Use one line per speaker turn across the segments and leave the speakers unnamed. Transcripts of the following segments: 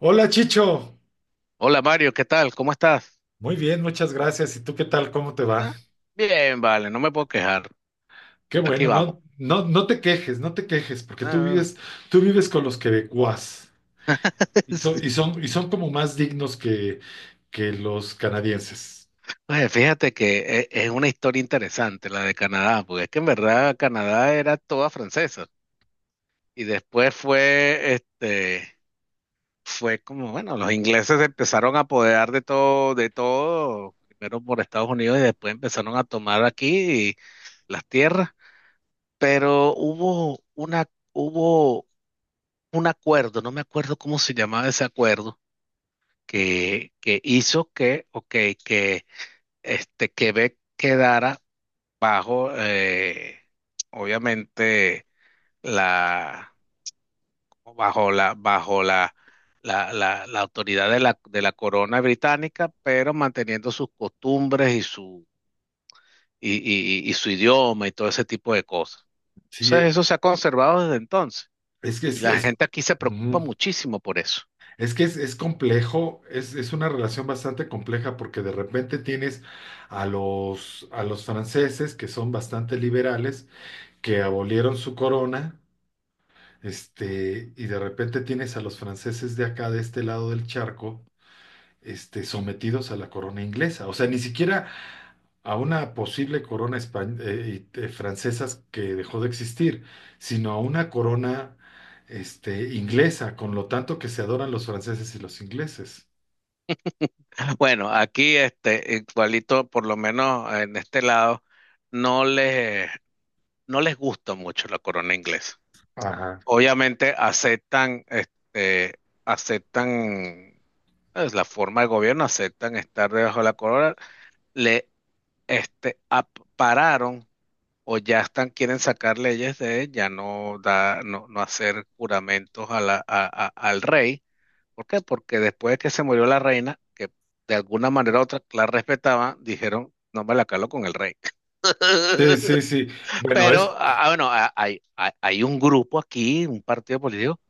Hola Chicho,
Hola Mario, ¿qué tal? ¿Cómo estás?
muy bien, muchas gracias. ¿Y tú qué tal? ¿Cómo te va?
Ah, bien, vale, no me puedo quejar.
Qué
Aquí
bueno,
vamos.
no, no, no te quejes, no te quejes, porque
Ah,
tú vives con los quebecuas y son,
sí.
y son, y son como más dignos que los canadienses.
Oye, fíjate que es una historia interesante la de Canadá, porque es que en verdad Canadá era toda francesa y después fue, fue como, bueno, los ingleses se empezaron a apoderar de todo, primero por Estados Unidos y después empezaron a tomar aquí las tierras, pero hubo una, hubo un acuerdo, no me acuerdo cómo se llamaba ese acuerdo que hizo que, ok, que Quebec quedara bajo, obviamente, la, bajo la, bajo la, la autoridad de la corona británica, pero manteniendo sus costumbres y su, y su idioma y todo ese tipo de cosas. Entonces,
Sí,
eso se ha conservado desde entonces.
es que
Y
es,
la
es,
gente aquí se preocupa
ujú.
muchísimo por eso.
Es que es complejo, es una relación bastante compleja porque de repente tienes a los franceses que son bastante liberales, que abolieron su corona. Y de repente tienes a los franceses de acá, de este lado del charco, sometidos a la corona inglesa. O sea, ni siquiera a una posible corona francesa que dejó de existir, sino a una corona, inglesa, con lo tanto que se adoran los franceses y los ingleses.
Bueno, aquí este igualito, por lo menos en este lado, no les, no les gusta mucho la corona inglesa.
Ajá.
Obviamente aceptan, aceptan es la forma de gobierno, aceptan estar debajo de la corona. Le este pararon o ya están, quieren sacar leyes de ya no da, no hacer juramentos a al rey. ¿Por qué? Porque después de que se murió la reina, que de alguna manera u otra la respetaban, dijeron, no me la calo con el rey.
Sí, sí, sí. Bueno,
Pero,
es,
bueno, hay un grupo aquí, un partido político,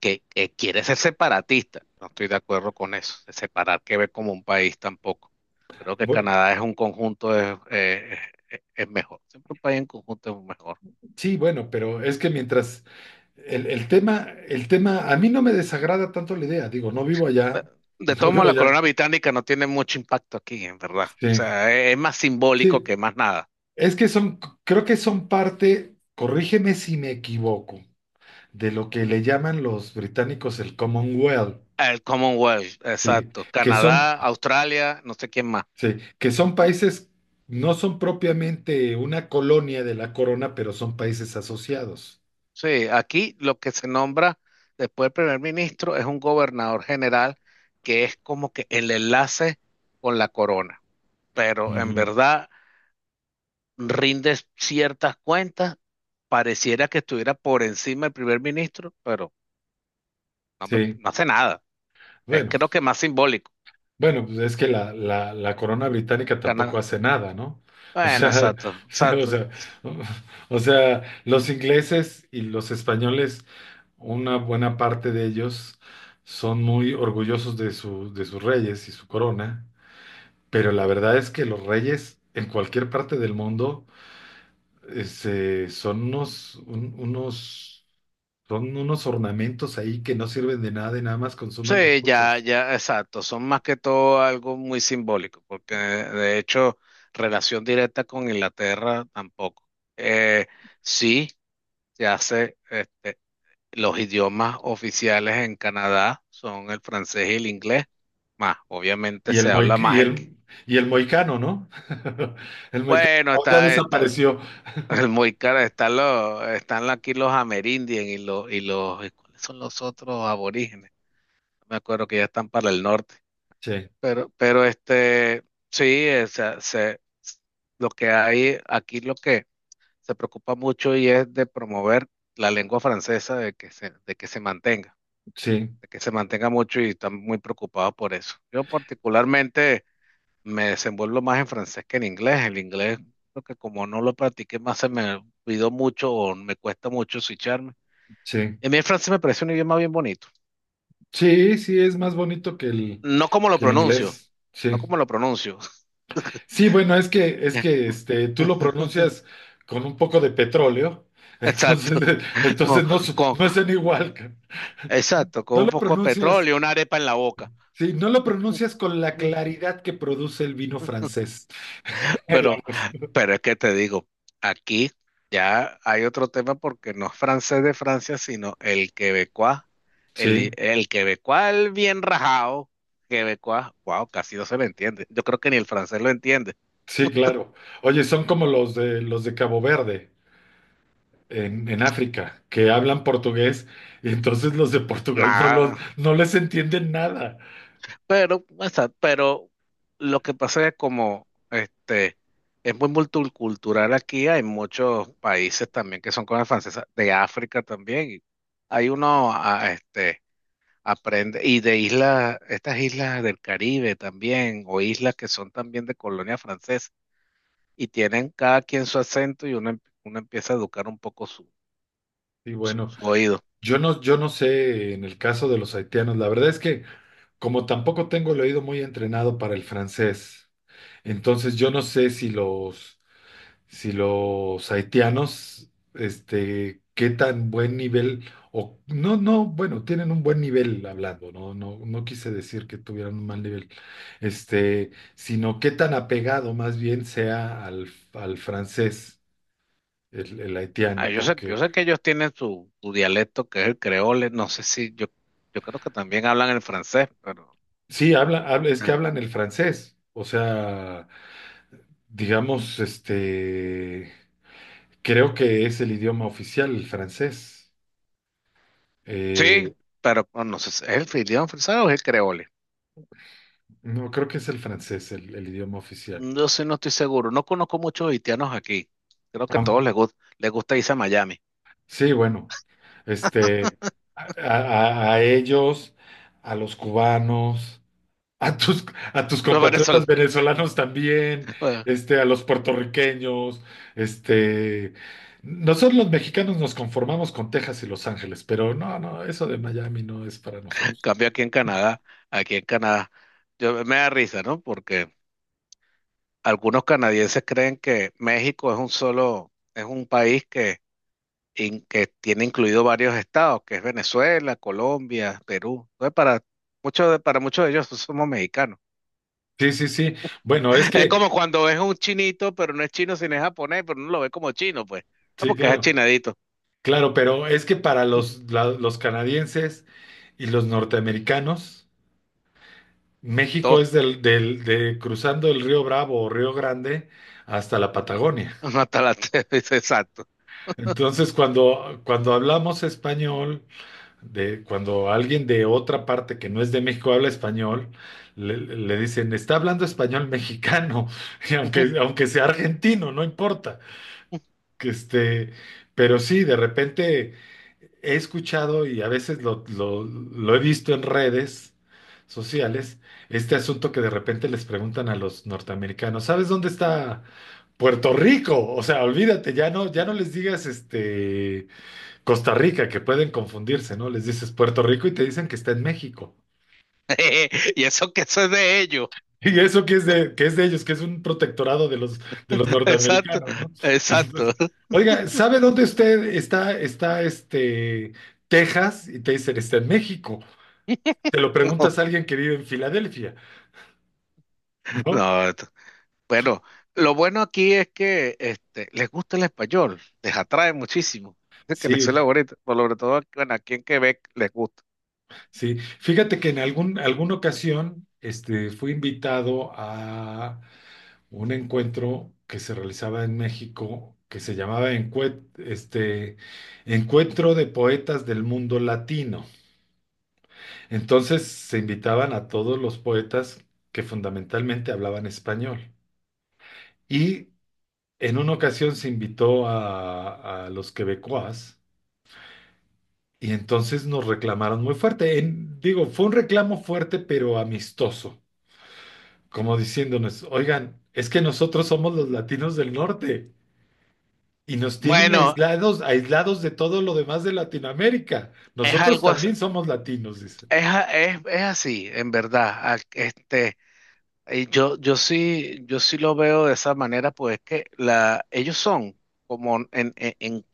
que quiere ser separatista. No estoy de acuerdo con eso, de separar Quebec como un país tampoco. Creo que
bueno,
Canadá es un conjunto, es, es mejor. Siempre un país en conjunto es mejor.
sí, bueno, pero es que mientras el tema, a mí no me desagrada tanto la idea, digo, no vivo
Pe-
allá,
De
no
todos modos,
vivo
la
allá.
corona británica no tiene mucho impacto aquí, en verdad. O
Sí.
sea, es más simbólico
Sí,
que más nada.
es que son, creo que son parte, corrígeme si me equivoco, de lo que le llaman los británicos el Commonwealth,
El Commonwealth,
sí,
exacto.
que son,
Canadá, Australia, no sé quién más.
sí, que son países, no son propiamente una colonia de la corona, pero son países asociados.
Sí, aquí lo que se nombra después del primer ministro es un gobernador general que es como que el enlace con la corona. Pero en
Ujú,
verdad rinde ciertas cuentas, pareciera que estuviera por encima del primer ministro, pero no,
sí,
no hace nada. Es
bueno,
creo que más simbólico.
bueno, pues es que la corona británica tampoco
Cana-
hace nada, ¿no? O
Bueno,
sea,
exacto,
o
exacto.
sea, o sea, los ingleses y los españoles, una buena parte de ellos son muy orgullosos de su, de sus reyes y su corona, pero la verdad es que los reyes en cualquier parte del mundo son unos, unos, son unos ornamentos ahí que no sirven de nada y nada más consumen
Sí, ya,
recursos.
ya, exacto. Son más que todo algo muy simbólico, porque de hecho, relación directa con Inglaterra tampoco. Eh, sí, se hace, los idiomas oficiales en Canadá son el francés y el inglés, más, obviamente
Y el,
se habla
y
más en...
el, y el moicano, ¿no? El moicano
Bueno,
oh, ya
está,
desapareció.
el muy caro, están los, están aquí los amerindios y los, ¿cuáles son los otros aborígenes? No me acuerdo que ya están para el norte.
Sí,
Pero sí, o sea, se, lo que hay aquí, lo que se preocupa mucho y es de promover la lengua francesa, de que se,
sí,
de que se mantenga mucho y están muy preocupados por eso. Yo particularmente me desenvuelvo más en francés que en inglés. El inglés, lo que como no lo practiqué más, se me olvidó mucho o me cuesta mucho switcharme.
sí.
Y a mí el francés me parece un idioma bien bonito.
Sí, sí, es más bonito
No como lo
que el
pronuncio,
inglés.
no
Sí.
como lo pronuncio.
Sí, bueno, es que tú lo pronuncias con un poco de petróleo, entonces,
Exacto, con,
entonces no,
con-
no es en igual. Ca-
exacto, con
No
un
lo
poco de
pronuncias,
petróleo y una arepa en la boca.
sí, no lo pronuncias con la
Mm.
claridad que produce el vino francés en la
Pero,
voz.
pero es que te digo, aquí ya hay otro tema porque no es francés de Francia, sino el quebecuá,
Sí,
el quebecuá el bien rajado, quebecuá, wow, casi no se le entiende. Yo creo que ni el francés lo entiende.
sí, claro. Oye, son como los de Cabo Verde, en África, que hablan portugués y entonces los de Portugal no, los,
Nada.
no les entienden nada.
Pero, exacto, pero lo que pasa es como este es muy multicultural aquí, hay muchos países también que son colonias francesas, de África también. Y hay uno este aprende, y de islas, estas islas del Caribe también, o islas que son también de colonia francesa, y tienen cada quien su acento y uno, uno empieza a educar un poco su,
Y bueno,
su oído.
yo no, yo no sé en el caso de los haitianos, la verdad es que como tampoco tengo el oído muy entrenado para el francés, entonces yo no sé si los si los haitianos, qué tan buen nivel, o no, no, bueno, tienen un buen nivel hablando, no, no, no quise decir que tuvieran un mal nivel, sino qué tan apegado más bien sea al, al francés, el haitiano, porque
Yo sé que ellos tienen su, su dialecto que es el creole, no sé si yo, yo creo que también hablan el francés, pero
sí, habla, es que
ah,
hablan el francés, o sea, digamos, creo que es el idioma oficial, el francés. Eh,
sí, pero bueno, no sé, ¿si es el idioma francés o es el creole?
no, creo que es el francés el idioma oficial.
Yo sí no estoy seguro, no conozco muchos haitianos aquí, creo que a todos
Am-
les gusta irse a Miami,
Sí, bueno, este, a, a ellos, a los cubanos, a tus, a tus
pero por eso,
compatriotas venezolanos también, a los puertorriqueños, este, nosotros los mexicanos nos conformamos con Texas y Los Ángeles, pero no, no, eso de Miami no es para
en
nosotros.
cambio aquí en Canadá, yo, me da risa, ¿no? Porque algunos canadienses creen que México es un solo, es un país que tiene incluido varios estados, que es Venezuela, Colombia, Perú. Entonces, para muchos de ellos somos mexicanos.
Sí, sí, sí. Bueno, es
Es
que,
como cuando ves un chinito, pero no es chino, sino es japonés, pero no lo ve como chino, pues. Ah,
sí,
porque es
claro,
achinadito.
claro, pero es que para
Ujú.
los, los canadienses y los norteamericanos, México
Todo,
es del, del, de cruzando el río Bravo o Río Grande hasta la Patagonia.
hasta la exacto.
Entonces, cuando, cuando hablamos español, de, cuando alguien de otra parte que no es de México habla español, le dicen, está hablando español mexicano, y
Ujú.
aunque, aunque sea argentino, no importa. Que pero sí, de repente he escuchado y a veces lo, lo he visto en redes sociales, este asunto que de repente les preguntan a los norteamericanos, ¿sabes dónde está Puerto Rico? O sea, olvídate, ya no, ya no les digas este Costa Rica, que pueden confundirse, ¿no? Les dices Puerto Rico y te dicen que está en México.
Y eso que eso es de ellos.
Y eso que es de ellos, que es un protectorado de los
Exacto,
norteamericanos, ¿no? Entonces,
exacto.
oiga, ¿sabe dónde usted está, está Texas? Y te dicen, está en México. Te lo preguntas a alguien que vive en Filadelfia, ¿no?
No, bueno, lo bueno aquí es que este, les gusta el español, les atrae muchísimo. Es que les suena
Sí,
bonito, por sobre todo aquí- bueno, aquí en Quebec les gusta.
sí. Fíjate que en algún, alguna ocasión fui invitado a un encuentro que se realizaba en México, que se llamaba Encuentro de Poetas del Mundo Latino. Entonces se invitaban a todos los poetas que fundamentalmente hablaban español. Y en una ocasión se invitó a los quebecois y entonces nos reclamaron muy fuerte. Digo, fue un reclamo fuerte pero amistoso, como diciéndonos, oigan, es que nosotros somos los latinos del norte y nos tienen
Bueno,
aislados, aislados de todo lo demás de Latinoamérica.
es
Nosotros
algo as-
también somos latinos, dicen.
es, es así, en verdad. Este, yo sí, yo sí lo veo de esa manera, pues que la, ellos son como en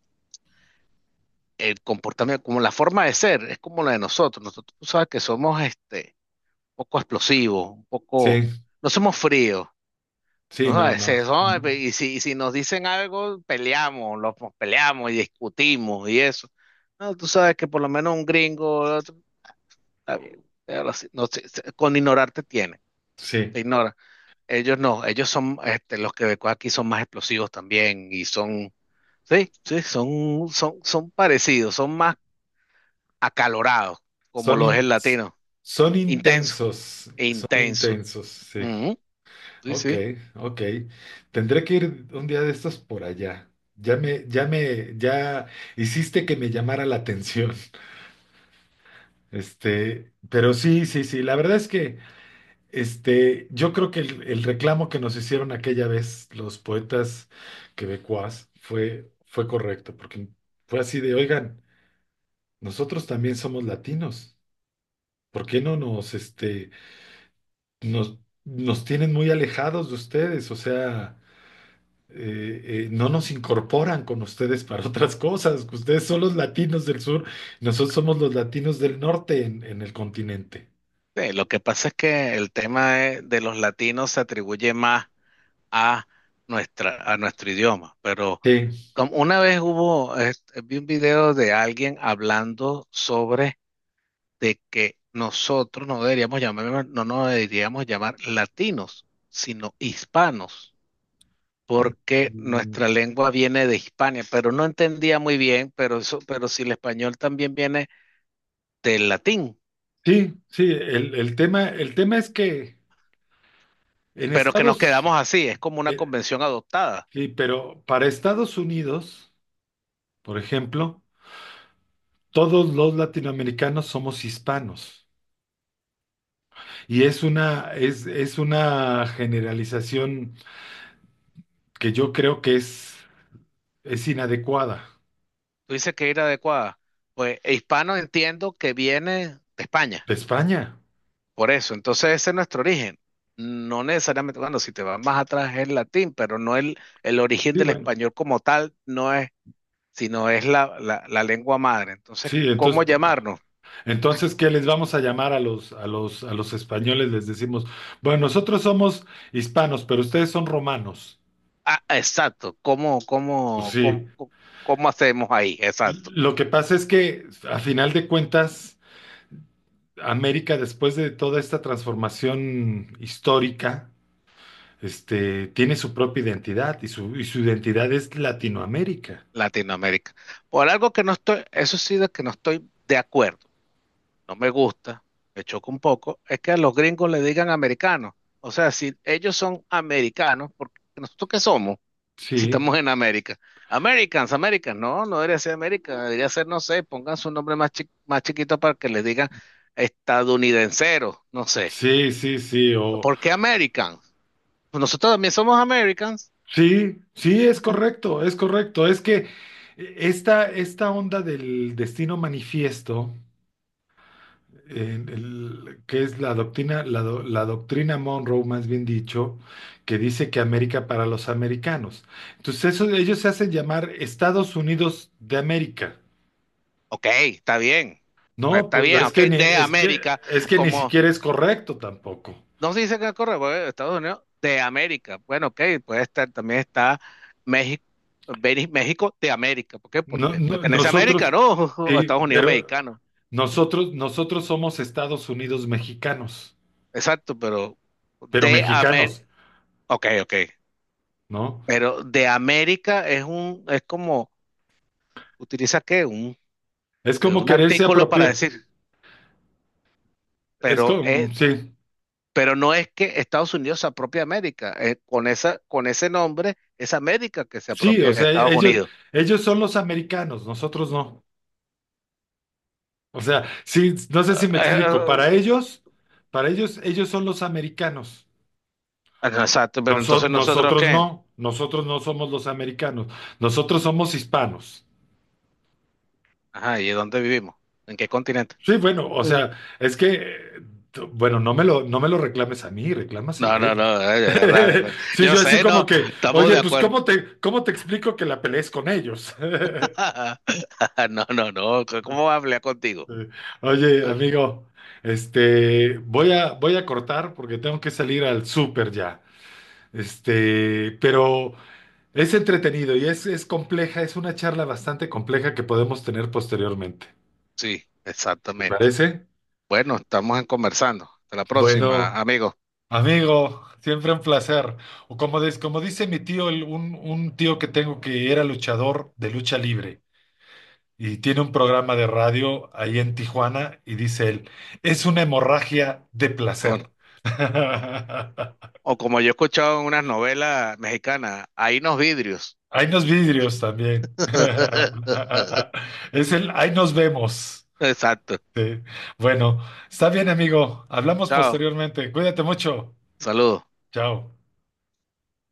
el comportamiento, como la forma de ser, es como la de nosotros. Nosotros tú sabes que somos un poco explosivos, un poco,
Sí,
no somos fríos.
sí,
No,
no,
es
no.
eso,
Ujú.
y si nos dicen algo, peleamos, lo, pues, peleamos y discutimos y eso. No, tú sabes que por lo menos un gringo, otro, está bien, pero así, no sé, con ignorarte tiene,
Sí.
te ignora. Ellos no, ellos son, los quebecos aquí son más explosivos también y son, sí, sí, son parecidos, son más acalorados, como
Son,
lo es
in-
el latino, intenso,
son
intenso.
intensos, sí.
Ujú, sí,
Ok,
sí.
ok. Tendré que ir un día de estos por allá. Ya me, ya me, ya hiciste que me llamara la atención. Pero sí, sí, sí. La verdad es que, yo creo que el reclamo que nos hicieron aquella vez los poetas quebecuas fue, fue correcto, porque fue así de, oigan, nosotros también somos latinos. ¿Por qué no nos, nos, nos tienen muy alejados de ustedes, o sea, no nos incorporan con ustedes para otras cosas, que ustedes son los latinos del sur, nosotros somos los latinos del norte en el continente.
Sí, lo que pasa es que el tema de los latinos se atribuye más a nuestra, a nuestro idioma. Pero
Sí.
como una vez hubo, vi un video de alguien hablando sobre de que nosotros no deberíamos llamar, no nos deberíamos llamar latinos, sino hispanos, porque
Mm,
nuestra lengua viene de Hispania, pero no entendía muy bien, pero eso, pero si el español también viene del latín,
sí, sí, el tema es que en
pero que nos quedamos
Estados,
así, es como una
eh,
convención adoptada.
sí, pero para Estados Unidos, por ejemplo, todos los latinoamericanos somos hispanos. Y es una generalización que yo creo que es inadecuada.
Tú dices que era adecuada. Pues hispano entiendo que viene de España.
De España.
Por eso, entonces ese es nuestro origen. No necesariamente, bueno, si te vas más atrás es el latín, pero no el origen
Sí,
del
bueno.
español como tal, no es, sino es la lengua madre. Entonces,
Sí,
¿cómo
entonces,
llamarnos?
entonces, ¿qué les vamos a llamar a los, a los, a los españoles? Les decimos, bueno, nosotros somos hispanos, pero ustedes son romanos.
Ah, exacto,
Pues sí.
¿cómo hacemos ahí? Exacto,
Lo que pasa es que, a final de cuentas, América, después de toda esta transformación histórica, tiene su propia identidad y su identidad es Latinoamérica.
Latinoamérica. Por algo que no estoy, eso sí de que no estoy de acuerdo, no me gusta, me choca un poco, es que a los gringos le digan americanos. O sea, si ellos son americanos, ¿porque nosotros qué somos? Si
Sí,
estamos en América. Americans, Americans, no, no debería ser América, debería ser, no sé, pongan su nombre más, más chiquito para que les digan estadounidenseros, no sé.
sí, sí, sí. O,
¿Por qué Americans? Pues nosotros también somos Americans.
sí, sí, es correcto, es correcto. Es que esta, esta onda del destino manifiesto, que es la doctrina, la, la doctrina Monroe, más bien dicho, que dice que América para los americanos. Entonces, eso, ellos se hacen llamar Estados Unidos de América.
Ok,
No,
está
pues
bien, ok, de América,
es que ni
como
siquiera es correcto tampoco.
no se dice que corre, bueno, Estados Unidos, de América. Bueno, ok, puede estar, también está México. México de América, ¿por qué?
No,
Porque pertenece a América,
nosotros,
¿no? O
sí,
Estados Unidos
pero
mexicano.
nosotros somos Estados Unidos mexicanos.
Exacto, pero
Pero
de
mexicanos,
América, ok, ok,
¿no?
pero de América es un, es como, utiliza qué, un,
Es
de
como
un
quererse
artículo para
apropiar,
decir,
es
pero es,
como, sí,
pero no es que Estados Unidos se apropie de América, con esa, con ese nombre es América que se
sí, o
apropia de
sea,
Estados
ellos,
Unidos.
ellos son los americanos, nosotros no. O sea, sí, no sé si me explico,
Ah,
para ellos, ellos son los americanos.
exacto, pero entonces nosotros
Nosotros
qué,
no, nosotros no somos los americanos, nosotros somos hispanos.
ajá, ¿y dónde vivimos? ¿En qué continente?
Sí, bueno, o
Mm.
sea, es que, bueno, no me lo, no me lo reclames a mí, reclámaselo
No,
a
no,
ellos.
no, de verdad, de verdad.
Sí,
Yo
yo así
sé,
como
no,
que,
estamos
oye,
de
pues
acuerdo.
cómo te explico que la pelees con ellos?
No, no, no. ¿Cómo va a hablar contigo?
Eh, Oye,
Pero,
amigo, voy a, voy a cortar porque tengo que salir al súper ya. Pero es entretenido y es compleja, es una charla bastante compleja que podemos tener posteriormente.
sí,
¿Te
exactamente.
parece?
Bueno, estamos en conversando. Hasta la próxima,
Bueno.
amigo.
Amigo, siempre un placer. O como, como dice mi tío, un tío que tengo que era luchador de lucha libre y tiene un programa de radio ahí en Tijuana y dice él, es una hemorragia de
No, no.
placer.
O, o como yo he escuchado en unas novelas mexicanas, hay unos vidrios.
Hay unos vidrios también. Es el, ahí nos vemos.
Exacto.
Sí. Bueno, está bien, amigo. Hablamos
Chao.
posteriormente. Cuídate mucho.
Saludos.
Chao.